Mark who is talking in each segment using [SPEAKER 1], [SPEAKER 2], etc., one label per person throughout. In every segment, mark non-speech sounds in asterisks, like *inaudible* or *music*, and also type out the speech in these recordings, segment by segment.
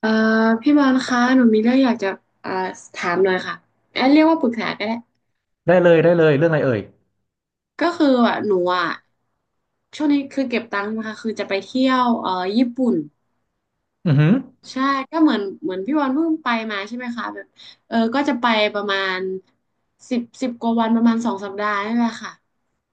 [SPEAKER 1] เอ่อพี่บอลคะหนูมีเรื่องอยากจะเอ่อถามหน่อยค่ะแอนเรียกว่าปรึกษาก็ได้
[SPEAKER 2] ได้เลยได้เลยเรื่องอะไรเอ่ย
[SPEAKER 1] ก็คืออ่ะหนูอ่ะช่วงนี้คือเก็บตังค์นะคะคือจะไปเที่ยวญี่ปุ่น
[SPEAKER 2] อือหือ
[SPEAKER 1] ใช่ก็เหมือนพี่บอลเพิ่งไปมาใช่ไหมคะแบบเออก็จะไปประมาณสิบกว่าวันประมาณ2 สัปดาห์นี่แหละค่ะ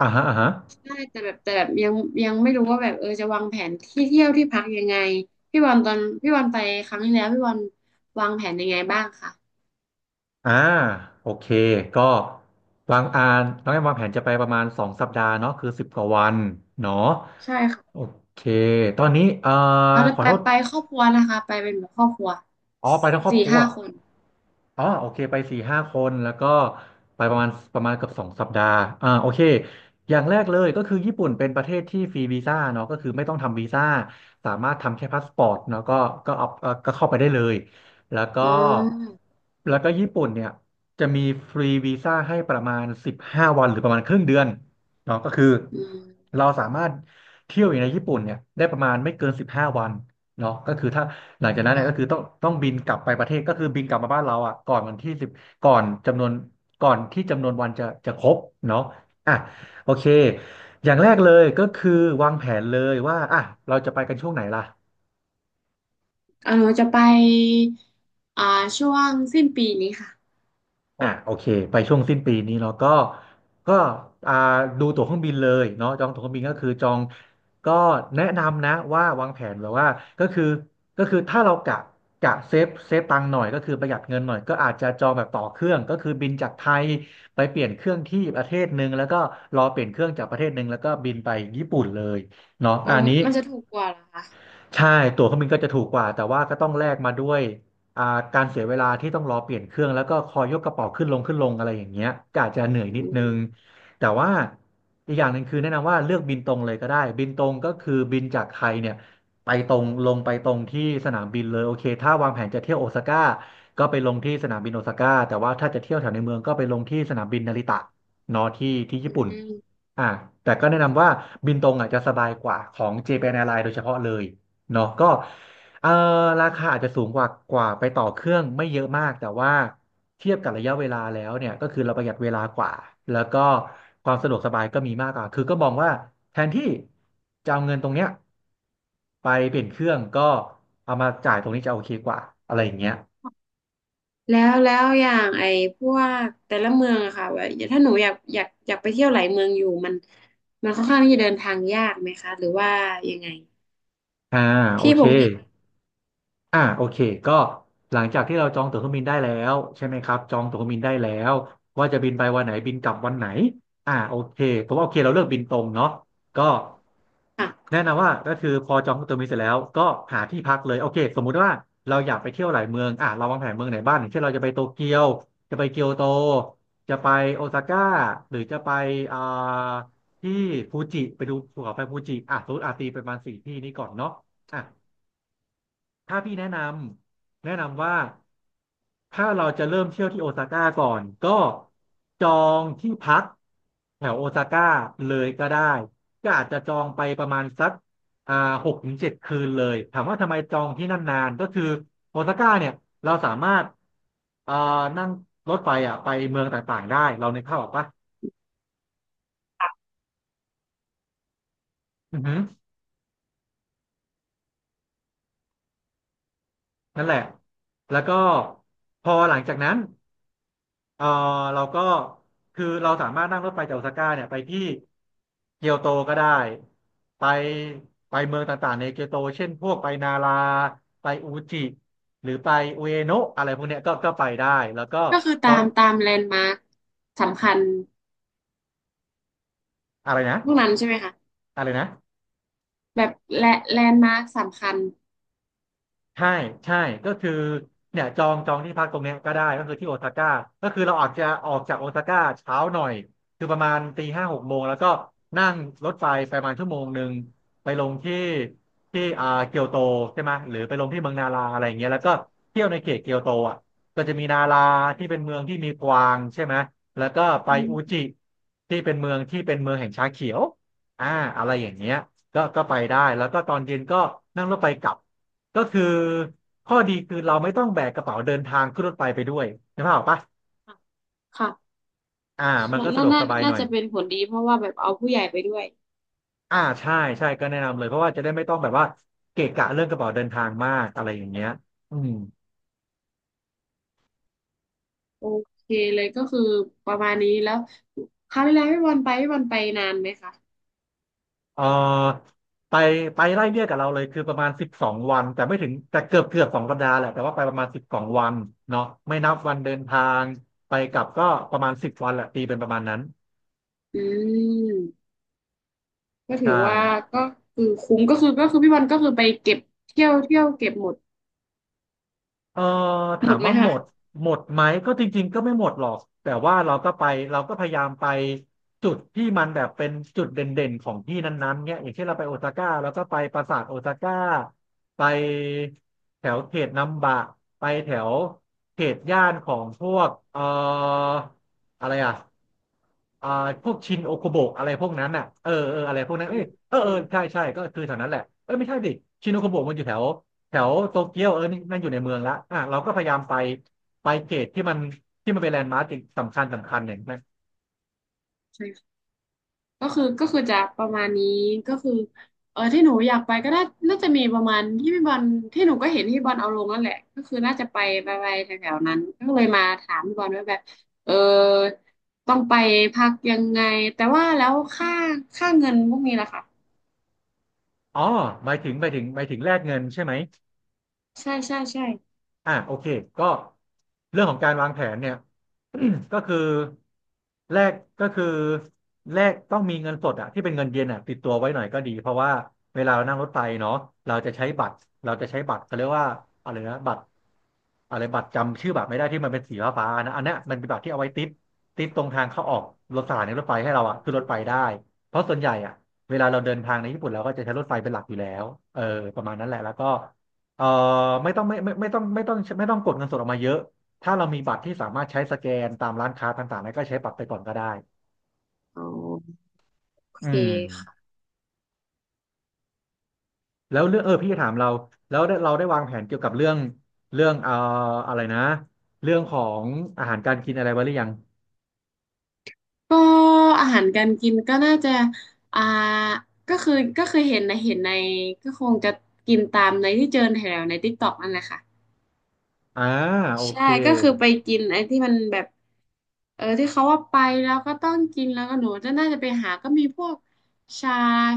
[SPEAKER 2] อ่าฮะอ่าฮะ
[SPEAKER 1] ใช่แต่แบบยังไม่รู้ว่าแบบเออจะวางแผนที่เที่ยวที่พักยังไงพี่บอลตอนพี่บอลไปครั้งที่แล้วพี่บอลวางแผนยังไงบ้างคะ
[SPEAKER 2] อ่าโอเค ก็วางอ่านน้องแอมวางแผนจะไปประมาณสองสัปดาห์เนาะคือสิบกว่าวันเนาะ
[SPEAKER 1] ใช่
[SPEAKER 2] โอ
[SPEAKER 1] ค่ะ
[SPEAKER 2] เค ตอนนี้
[SPEAKER 1] เอาแล้
[SPEAKER 2] ข
[SPEAKER 1] ว
[SPEAKER 2] อ
[SPEAKER 1] ไป
[SPEAKER 2] โทษ
[SPEAKER 1] ไปครอบครัวนะคะไปเป็นแบบครอบครัว
[SPEAKER 2] อ๋อไปทั้งครอบ
[SPEAKER 1] สี่
[SPEAKER 2] ครัว
[SPEAKER 1] ห้าคน
[SPEAKER 2] อ๋อโอเคไปสี่ห้าคนแล้วก็ไปประมาณเกือบสองสัปดาห์อ่าโอเคอย่างแรกเลยก็คือญี่ปุ่นเป็นประเทศที่ฟรีวีซ่าเนาะก็คือไม่ต้องทำวีซ่าสามารถทำแค่พาสปอร์ตเนาะก็ก็เอาก็เข้าไปได้เลยแล้วก็
[SPEAKER 1] อ๋อ
[SPEAKER 2] แล้วก็ญี่ปุ่นเนี่ยจะมีฟรีวีซ่าให้ประมาณสิบห้าวันหรือประมาณครึ่งเดือนเนาะก็คือ
[SPEAKER 1] อืม
[SPEAKER 2] เราสามารถเที่ยวอยู่ในญี่ปุ่นเนี่ยได้ประมาณไม่เกินสิบห้าวันเนาะก็คือถ้า หลังจากนั้นเนี่
[SPEAKER 1] ค่ะ
[SPEAKER 2] ยก็คือต้องบินกลับไปประเทศก็คือบินกลับมาบ้านเราอ่ะก่อนวันที่สิบก่อนจำนวนก่อนที่จำนวนวันจะครบเนาะอ่ะโอเคอย่างแรกเลยก็คือวางแผนเลยว่าอ่ะเราจะไปกันช่วงไหนล่ะ
[SPEAKER 1] อ่าหนูจะไปอ่าช่วงสิ้นปีนี้ค่ะ
[SPEAKER 2] อ่ะโอเคไปช่วงสิ้นปีนี้เนาะก็ก็อ่าดูตั๋วเครื่องบินเลยเนาะจองตั๋วเครื่องบินก็คือจองก็แนะนำนะว่าวางแผนแบบว่าก็คือก็คือถ้าเรากะเซฟตังค์หน่อยก็คือประหยัดเงินหน่อยก็อาจจะจองแบบต่อเครื่องก็คือบินจากไทยไปเปลี่ยนเครื่องที่ประเทศหนึ่งแล้วก็รอเปลี่ยนเครื่องจากประเทศหนึ่งแล้วก็บินไปญี่ปุ่นเลยเนาะ
[SPEAKER 1] อ๋อ
[SPEAKER 2] อันนี้
[SPEAKER 1] มันจะถูกกว่าเหรอคะ
[SPEAKER 2] ใช่ตั๋วเครื่องบินก็จะถูกกว่าแต่ว่าก็ต้องแลกมาด้วยอ่าการเสียเวลาที่ต้องรอเปลี่ยนเครื่องแล้วก็คอยยกกระเป๋าขึ้นลงขึ้นลงอะไรอย่างเงี้ยก็อาจจะเหนื่อย
[SPEAKER 1] อื
[SPEAKER 2] นิดนึง
[SPEAKER 1] ม
[SPEAKER 2] แต่ว่าอีกอย่างหนึ่งคือแนะนำว่าเลือกบินตรงเลยก็ได้บินตรงก็คือบินจากไทยเนี่ยไปตรงลงไปตรงที่สนามบินเลยโอเคถ้าวางแผนจะเที่ยวโอซาก้าก็ไปลงที่สนามบินโอซาก้าแต่ว่าถ้าจะเที่ยวแถวในเมืองก็ไปลงที่สนามบินนาริตะเนอะที่ที่
[SPEAKER 1] อื
[SPEAKER 2] ญี่ปุ่น
[SPEAKER 1] ม
[SPEAKER 2] อ่าแต่ก็แนะนำว่าบินตรงอ่ะจะสบายกว่าของเจแปนแอ r ์ i ลน์โดยเฉพาะเลย เนาะก็เอ่อราคาอาจจะสูงกว่าไปต่อเครื่องไม่เยอะมากแต่ว่าเทียบกับระยะเวลาแล้วเนี่ยก็คือเราประหยัดเวลากว่าแล้วก็ความสะดวกสบายก็มีมากกว่าคือก็มองว่าแทนที่จะเอาเงินตรงเนี้ยไปเปลี่ยนเครื่องก็เอามาจ่ายตรงนี้จะโอเคกว่าอะไรอย่างเงี้ย
[SPEAKER 1] แล้วแล้วอย่างไอ้พวกแต่ละเมืองอะค่ะว่าถ้าหนูอยากไปเที่ยวหลายเมืองอยู่มันค่อนข้างที่จะเดินทางยากไหมคะหรือว่ายังไง
[SPEAKER 2] อ่าโอ
[SPEAKER 1] ที่พ
[SPEAKER 2] เค
[SPEAKER 1] งที่พัก
[SPEAKER 2] อ่าโอเคก็หลังจากที่เราจองตั๋วเครื่องบินได้แล้วใช่ไหมครับจองตั๋วเครื่องบินได้แล้วว่าจะบินไปวันไหนบินกลับวันไหนอ่าโอเคผมว่าโอเคเราเลือกบินตรงเนาะก็
[SPEAKER 1] ค่ะ
[SPEAKER 2] แนะนำว่าก็คือพอจองตั๋วเครื่องบินเสร็จแล้วก็หาที่พักเลยโอเคสมมุติว่าเราอยากไปเที่ยวหลายเมืองอ่าเราวางแผนเมืองไหนบ้างอย่างเช่นเราจะไปโตเกียวจะไปเกียวโตจะไปโอซาก้าหรือจะไปอ่าที่ฟูจิไปดูภูเขาไฟฟูจิอ่ะสมมติอาตีไปประมาณสี่ที่นี้ก่อนเนาะอ่ะ ถ้าพี่แนะนำว่าถ้าเราจะเริ่มเที่ยวที่โอซาก้าก่อนก็จองที่พักแถวโอซาก้าเลยก็ได้ก็อาจจะจองไปประมาณสักอ่าหกถึงเจ็ดคืนเลยถามว่าทำไมจองที่นั่นนานก็คือโอซาก้าเนี่ยเราสามารถอ่านั่งรถไฟอ่ะไปเมืองต่างๆได้เราในกภาพออกปะอือฮึนั่นแหละแล้วก็พอหลังจากนั้น เออเราก็คือเราสามารถนั่งรถไฟจากโอซาก้าเนี่ยไปที่เกียวโตก็ได้ไปไปเมืองต่างๆในเกียวโตเช่นพวกไปนาราไปอูจิหรือไปอุเอโนะอะไรพวกเนี้ยก็ก็ไปได้แล้วก็
[SPEAKER 1] ก็คือ
[SPEAKER 2] พ
[SPEAKER 1] ตา
[SPEAKER 2] อ
[SPEAKER 1] มตามแลนด์มาร์คสำคัญ
[SPEAKER 2] อะไรนะ
[SPEAKER 1] พวกนั้นใช่ไหมคะ
[SPEAKER 2] อะไรนะ
[SPEAKER 1] แบบแลแลนด์มาร์คสำคัญ
[SPEAKER 2] ใช่ใช่ก็คือเนี่ยจองที่พักตรงเนี้ยก็ได้ก็คือที่โอซาก้าก็คือเราอาจจะออกจากโอซาก้าเช้าหน่อยคือประมาณตีห้าหกโมงแล้วก็นั่งรถไฟไปประมาณชั่วโมงหนึ่งไปลงที่ที่เกียวโตใช่ไหมหรือไปลงที่เมืองนาราอะไรอย่างเงี้ยแล้วก็เที่ยวในเขตเกียวโตอ่ะก็จะมีนาราที่เป็นเมืองที่มีกวางใช่ไหมแล้วก็ไป
[SPEAKER 1] อื
[SPEAKER 2] อุ
[SPEAKER 1] ม
[SPEAKER 2] จิที่เป็นเมืองแห่งชาเขียวอ่าอะไรอย่างเงี้ยก็ไปได้แล้วก็ตอนเย็นก็นั่งรถไฟกลับ ก็คือข้อดีคือเราไม่ต้องแบกกระเป๋าเดินทางขึ้นรถไฟไปด้วยนะพ่ออกปะ
[SPEAKER 1] ค่ะ
[SPEAKER 2] อ่ามัน
[SPEAKER 1] ค่ะ
[SPEAKER 2] ก็สะ
[SPEAKER 1] น่า
[SPEAKER 2] ดวก
[SPEAKER 1] น่า
[SPEAKER 2] สบายห
[SPEAKER 1] น่า
[SPEAKER 2] น่อย
[SPEAKER 1] จะเป็นผลดีเพราะว่าแบบเอาผู้ใหญ่ไปด้วย
[SPEAKER 2] อ่าใช่ใช่ก็แนะนำเลยเพราะว่าจะได้ไม่ต้องแบบว่าเกะกะเรื่องกระเป๋าเดินทางมากอะไรอย่างเงี้ยอืม
[SPEAKER 1] โอเคเลยก็คือประมาณนี้แล้วคราวที่แล้วพี่บอลไปพี่บอลไปนานไหมคะ
[SPEAKER 2] เออไปไปไล่เลี่ยกับเราเลยคือประมาณสิบสองวันแต่ไม่ถึงแต่เกือบสองสัปดาห์แหละแต่ว่าไปประมาณสิบสองวันเนาะไม่นับวันเดินทางไปกลับก็ประมาณสิบวันแหละตีเป็นประมาณนั้น
[SPEAKER 1] อืมก็ถื
[SPEAKER 2] ใช่
[SPEAKER 1] อว่าก็คือคุ้มก็คือก็คือพี่บอลก็คือไปเก็บเที่ยวเก็บหมด
[SPEAKER 2] เออ
[SPEAKER 1] ห
[SPEAKER 2] ถา
[SPEAKER 1] ม
[SPEAKER 2] ม
[SPEAKER 1] ดไหม
[SPEAKER 2] ว่าหม
[SPEAKER 1] คะ
[SPEAKER 2] ดหมดไหมก็จริงๆก็ไม่หมดหรอกแต่ว่าเราก็ไปเราก็พยายามไปจุดที่มันแบบเป็นจุดเด่นๆของที่นั้นๆเนี่ยอย่างเช่นเราไปโอซาก้าเราก็ไปปราสาทโอซาก้าไปแถวเขตนัมบะไปแถวเขตย่านของพวกอะไรอ่ะ อ่าพวกชินโอโคโบะอะไรพวกนั้นอ่ะเอออะไรพวกนั้น
[SPEAKER 1] อื
[SPEAKER 2] เอ้ย
[SPEAKER 1] ม
[SPEAKER 2] เออเอ
[SPEAKER 1] โอ้
[SPEAKER 2] อใช่
[SPEAKER 1] โ
[SPEAKER 2] ใช่ก็คือแถวนั้นแหละเออไม่ใช่ดิชินโอโคโบะมันอยู่แถวแถวโตเกียวเออนี่นั่นอยู่ในเมืองละอ่ะเราก็พยายามไปไปเกตที่มันเป็นแลนด์มาร์คสำคัญอย่างนั้น
[SPEAKER 1] ห ก็คือก็คือจะประมาณนี้ก็คือเออที่หนูอยากไปก็น่าจะมีประมาณที่พี่บอลที่หนูก็เห็นพี่บอลเอาลงนั่นแหละก็คือน่าจะไปไปไปแถวๆนั้นก็เลยมาถามพี่บอลว่าแบบเออต้องไปพักยังไงแต่ว่าแล้วค่าเงินพวกนี้ล่ะค่ะ
[SPEAKER 2] อ๋อหมายถึงหมายถึงหมายถึงแลกเงินใช่ไหม
[SPEAKER 1] ใช่ใช่ใช่
[SPEAKER 2] อ่าโอเคก็เรื่องของการวางแผนเนี่ย *clears throat* ก็คือแรกก็คือต้องมีเงินสดอะที่เป็นเงินเยนอะติดตัวไว้หน่อยก็ดีเพราะว่าเวลาเรานั่งรถไฟเนาะเราจะใช้บัตรเราจะใช้บัตรเขาเรียกว่าอะไรนะบัตรอะไรบัตรจำชื่อบัตรไม่ได้ที่มันเป็นสีฟ้าๆนะอันเนี้ยมันเป็นบัตรที่เอาไว้ติดตรงทางเข้าออกรถสถานีรถไฟให้เราอะคือร
[SPEAKER 1] อื
[SPEAKER 2] ถไฟได้
[SPEAKER 1] ม
[SPEAKER 2] เพราะส่วนใหญ่อะเวลาเราเดินทางในญี่ปุ่นเราก็จะใช้รถไฟเป็นหลักอยู่แล้วเออประมาณนั้นแหละแล้วก็ เอ่อไม่ต้องไม่ไม่ไม่ต้องไม่ต้องไม่ต้องกดเงินสดออกมาเยอะถ้าเรามีบัตรที่สามารถใช้สแกนตามร้านค้าต่างๆแล้วก็ใช้บัตรไปก่อนก็ได้
[SPEAKER 1] อ๋อโอ
[SPEAKER 2] อื
[SPEAKER 1] เค
[SPEAKER 2] ม
[SPEAKER 1] ค่ะ
[SPEAKER 2] แล้วเรื่องเออพี่จะถามเราแล้วได้เราได้วางแผนเกี่ยวกับเรื่องเรื่องเอ่ออะไรนะเรื่องของอาหารการกินอะไรไว้หรือยัง
[SPEAKER 1] ก็อาหารการกินก็น่าจะอ่าก็คือก็คือเห็นนะเห็นในก็คงจะกินตามในที่เจอแถวในติ๊กต็อกนั่นแหละค่ะ
[SPEAKER 2] อ่าโอ
[SPEAKER 1] ใช่
[SPEAKER 2] เค
[SPEAKER 1] ก็คือไปกินไอ้ที่มันแบบเออที่เขาว่าไปแล้วก็ต้องกินแล้วก็หนูจะน่าจะไปหาก็มีพวกชา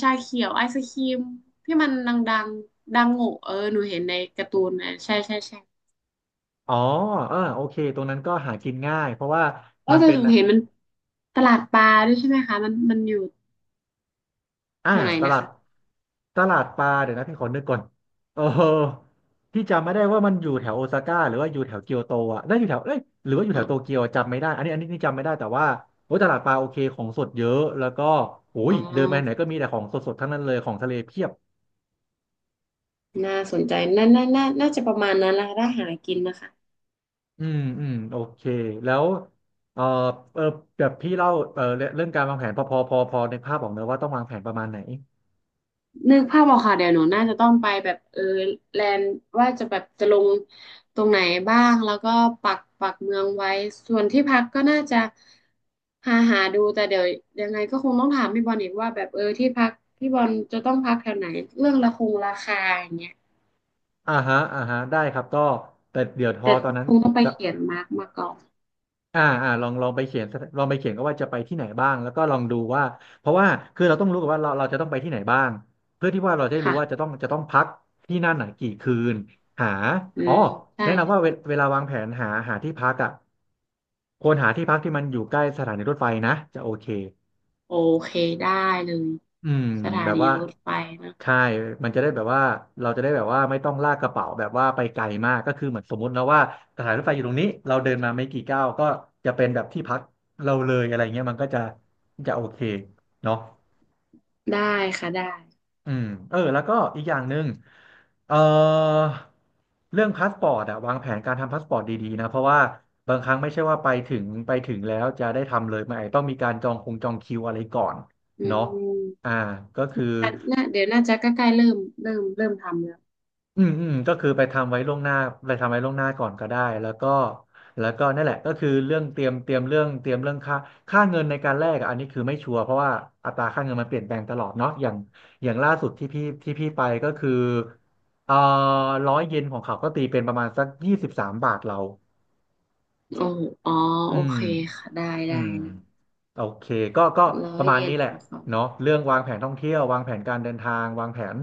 [SPEAKER 1] ชาเขียวไอศครีมที่มันดังๆดังโง่เออหนูเห็นในการ์ตูนนะใช่ใช่ใช่
[SPEAKER 2] อ๋อเออโอเคตรงนั้นก็หากินง่ายเพราะว่า
[SPEAKER 1] เออ
[SPEAKER 2] มัน
[SPEAKER 1] แต่
[SPEAKER 2] เป็
[SPEAKER 1] ห
[SPEAKER 2] น
[SPEAKER 1] นูเห็นมันตลาดปลาด้วยใช่ไหมคะมันมันอยู่
[SPEAKER 2] อ่า
[SPEAKER 1] แถวไหน
[SPEAKER 2] ต
[SPEAKER 1] นะ
[SPEAKER 2] ลาด
[SPEAKER 1] คะ
[SPEAKER 2] ปลาเดี๋ยวนะพี่ขอนึกก่อนเออพี่จำไม่ได้ว่ามันอยู่แถวโอซาก้าหรือว่าอยู่แถวเกียวโตอ่ะน่าอยู่แถวเอ้ยหรือว่าอยู่
[SPEAKER 1] อ๋
[SPEAKER 2] แถ
[SPEAKER 1] อ
[SPEAKER 2] วโตเกียวจำไม่ได้อันนี้จำไม่ได้แต่ว่าโอ้ยตลาดปลาโอเคของสดเยอะแล้วก็โอ้ย
[SPEAKER 1] อ๋อ
[SPEAKER 2] เดินไปไหนก็มีแต่ของสดๆทั้งนั้นเลยของทะเลเพียบ
[SPEAKER 1] น่าสนใจน่าจะประมาณนั้นละถ้าหากินนะคะ
[SPEAKER 2] อืมอืมโอเคแล้วเออเออแบบพี่เล่าเออเรื่องการวางแผนพอในภาพบอกเนอะว่าต้องวางแผนประมาณไหน
[SPEAKER 1] นึกภาพออกค่ะเดี๋ยวหนูน่าจะต้องไปแบบเออแลนด์ว่าจะแบบจะลงตรงไหนบ้างแล้วก็ปักเมืองไว้ส่วนที่พักก็น่าจะหาดูแต่เดี๋ยวยังไงก็คงต้องถามพี่บอลอีกว่าแบบเออที่พักพี่บอลจะต้องพักแถวไหนเรื่องละคงราคาอย่างเงี้ย
[SPEAKER 2] อ่าฮะอ่าฮะได้ครับก็แต่เดี๋ยวทอ
[SPEAKER 1] แต่
[SPEAKER 2] ตอนนั้น
[SPEAKER 1] คงต้องไปเขียนมาร์กมาก่อน
[SPEAKER 2] อ่าอ่าลองไปเขียนลองไปเขียนก็ว่าจะไปที่ไหนบ้างแล้วก็ลองดูว่าเพราะว่าคือเราต้องรู้กันว่าเราจะต้องไปที่ไหนบ้างเพื่อที่ว่าเราจะได้รู้ว่าจะ
[SPEAKER 1] ค่ะ
[SPEAKER 2] ต้องพักที่นั่นไหนกี่คืนหา
[SPEAKER 1] อื
[SPEAKER 2] อ๋อ
[SPEAKER 1] มใช่
[SPEAKER 2] แนะนำ
[SPEAKER 1] ใช่
[SPEAKER 2] ว่าเวลาวางแผนหาที่พักอ่ะควรหาที่พักที่มันอยู่ใกล้สถานีรถไฟนะจะโอเค
[SPEAKER 1] โอเคได้เลย
[SPEAKER 2] อืม
[SPEAKER 1] สถา
[SPEAKER 2] แบบ
[SPEAKER 1] นี
[SPEAKER 2] ว่า
[SPEAKER 1] รถไฟนะ
[SPEAKER 2] ใช่มันจะได้แบบว่าเราจะได้แบบว่าไม่ต้องลากกระเป๋าแบบว่าไปไกลมากก็คือเหมือนสมมตินะว่าสถานรถไฟอยู่ตรงนี้เราเดินมาไม่กี่ก้าวก็จะเป็นแบบที่พักเราเลยอะไรเงี้ยมันก็จะโอเคเนาะ
[SPEAKER 1] ได้ค่ะได้
[SPEAKER 2] อืมเออแล้วก็อีกอย่างหนึ่งเอ่อเรื่องพาสปอร์ตอะวางแผนการทำพาสปอร์ตดีๆนะเพราะว่าบางครั้งไม่ใช่ว่าไปถึงแล้วจะได้ทำเลยมันอาจจะต้องมีการจองจองคิวอะไรก่อน
[SPEAKER 1] อื
[SPEAKER 2] เนาะอ่า
[SPEAKER 1] ม
[SPEAKER 2] ก็คือ
[SPEAKER 1] น่าเดี๋ยวน่าจะใกล้ๆเริ่มทำแล้ว
[SPEAKER 2] อืมอืมก็คือไปทำไว้ล่วงหน้าไปทำไว้ล่วงหน้าก่อนก็ได้แล้วก็นั่นแหละก็คือเรื่องเตรียมเรื่องเตรียมเรื่องค่าเงินในการแลกอะอันนี้คือไม่ชัวร์เพราะว่าอัตราค่าเงินมันเปลี่ยนแปลงตลอดเนาะอย่างล่าสุดที่พี่ไปก็คือเอ่อ100เยนของเขาก็ตีเป็นประมาณสัก23บาทเรา
[SPEAKER 1] โอ้อ๋อ
[SPEAKER 2] อื
[SPEAKER 1] โอ
[SPEAKER 2] ม
[SPEAKER 1] เคค่ะได้
[SPEAKER 2] อื
[SPEAKER 1] ได้
[SPEAKER 2] ม
[SPEAKER 1] นะ
[SPEAKER 2] โอเคก็
[SPEAKER 1] ร้อ
[SPEAKER 2] ป
[SPEAKER 1] ย
[SPEAKER 2] ระมาณ
[SPEAKER 1] เย็
[SPEAKER 2] นี้
[SPEAKER 1] น
[SPEAKER 2] แหละ
[SPEAKER 1] ของเขา
[SPEAKER 2] เนาะเรื่องวางแผนท่องเที่ยววางแผนการเดินทางวางแผน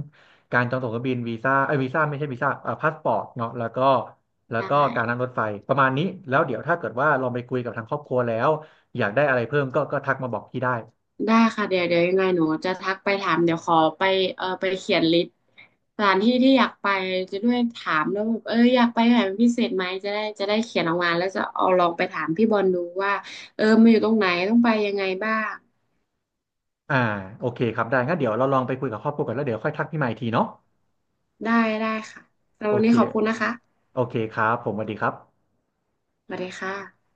[SPEAKER 2] การจองตั๋วเครื่องบินวีซ่าไอ้ยวีซ่าไม่ใช่วีซ่าพาสปอร์ตเนาะแล้วก็
[SPEAKER 1] ได้
[SPEAKER 2] การนั่งรถไฟประมาณนี้แล้วเดี๋ยวถ้าเกิดว่าลองไปคุยกับทางครอบครัวแล้วอยากได้อะไรเพิ่มก็ทักมาบอกพี่ได้
[SPEAKER 1] ได้ค่ะเดี๋ยวเดี๋ยวยังไงหนูจะทักไปถามเดี๋ยวขอไปเออไปเขียนลิสต์สถานที่ที่อยากไปจะด้วยถามแล้วแบบเอออยากไปไหนเป็นพิเศษไหมจะได้เขียนออกมาแล้วจะเอาลองไปถามพี่บอลดูว่าเออมันอยู่ตรงไหนต้องไปยังไงบ้าง
[SPEAKER 2] อ่าโอเคครับได้งั้นเดี๋ยวเราลองไปคุยกับครอบครัวกันแล้วเดี๋ยวค่อยทักพี่ใหม่อีกทีเนาะ
[SPEAKER 1] ได้ได้ค่ะสำหรับ
[SPEAKER 2] โอ
[SPEAKER 1] วัน
[SPEAKER 2] เค
[SPEAKER 1] นี้ขอบคุณนะคะ
[SPEAKER 2] โอเคครับผมสวัสดีครับ
[SPEAKER 1] สวัสดีค่ะ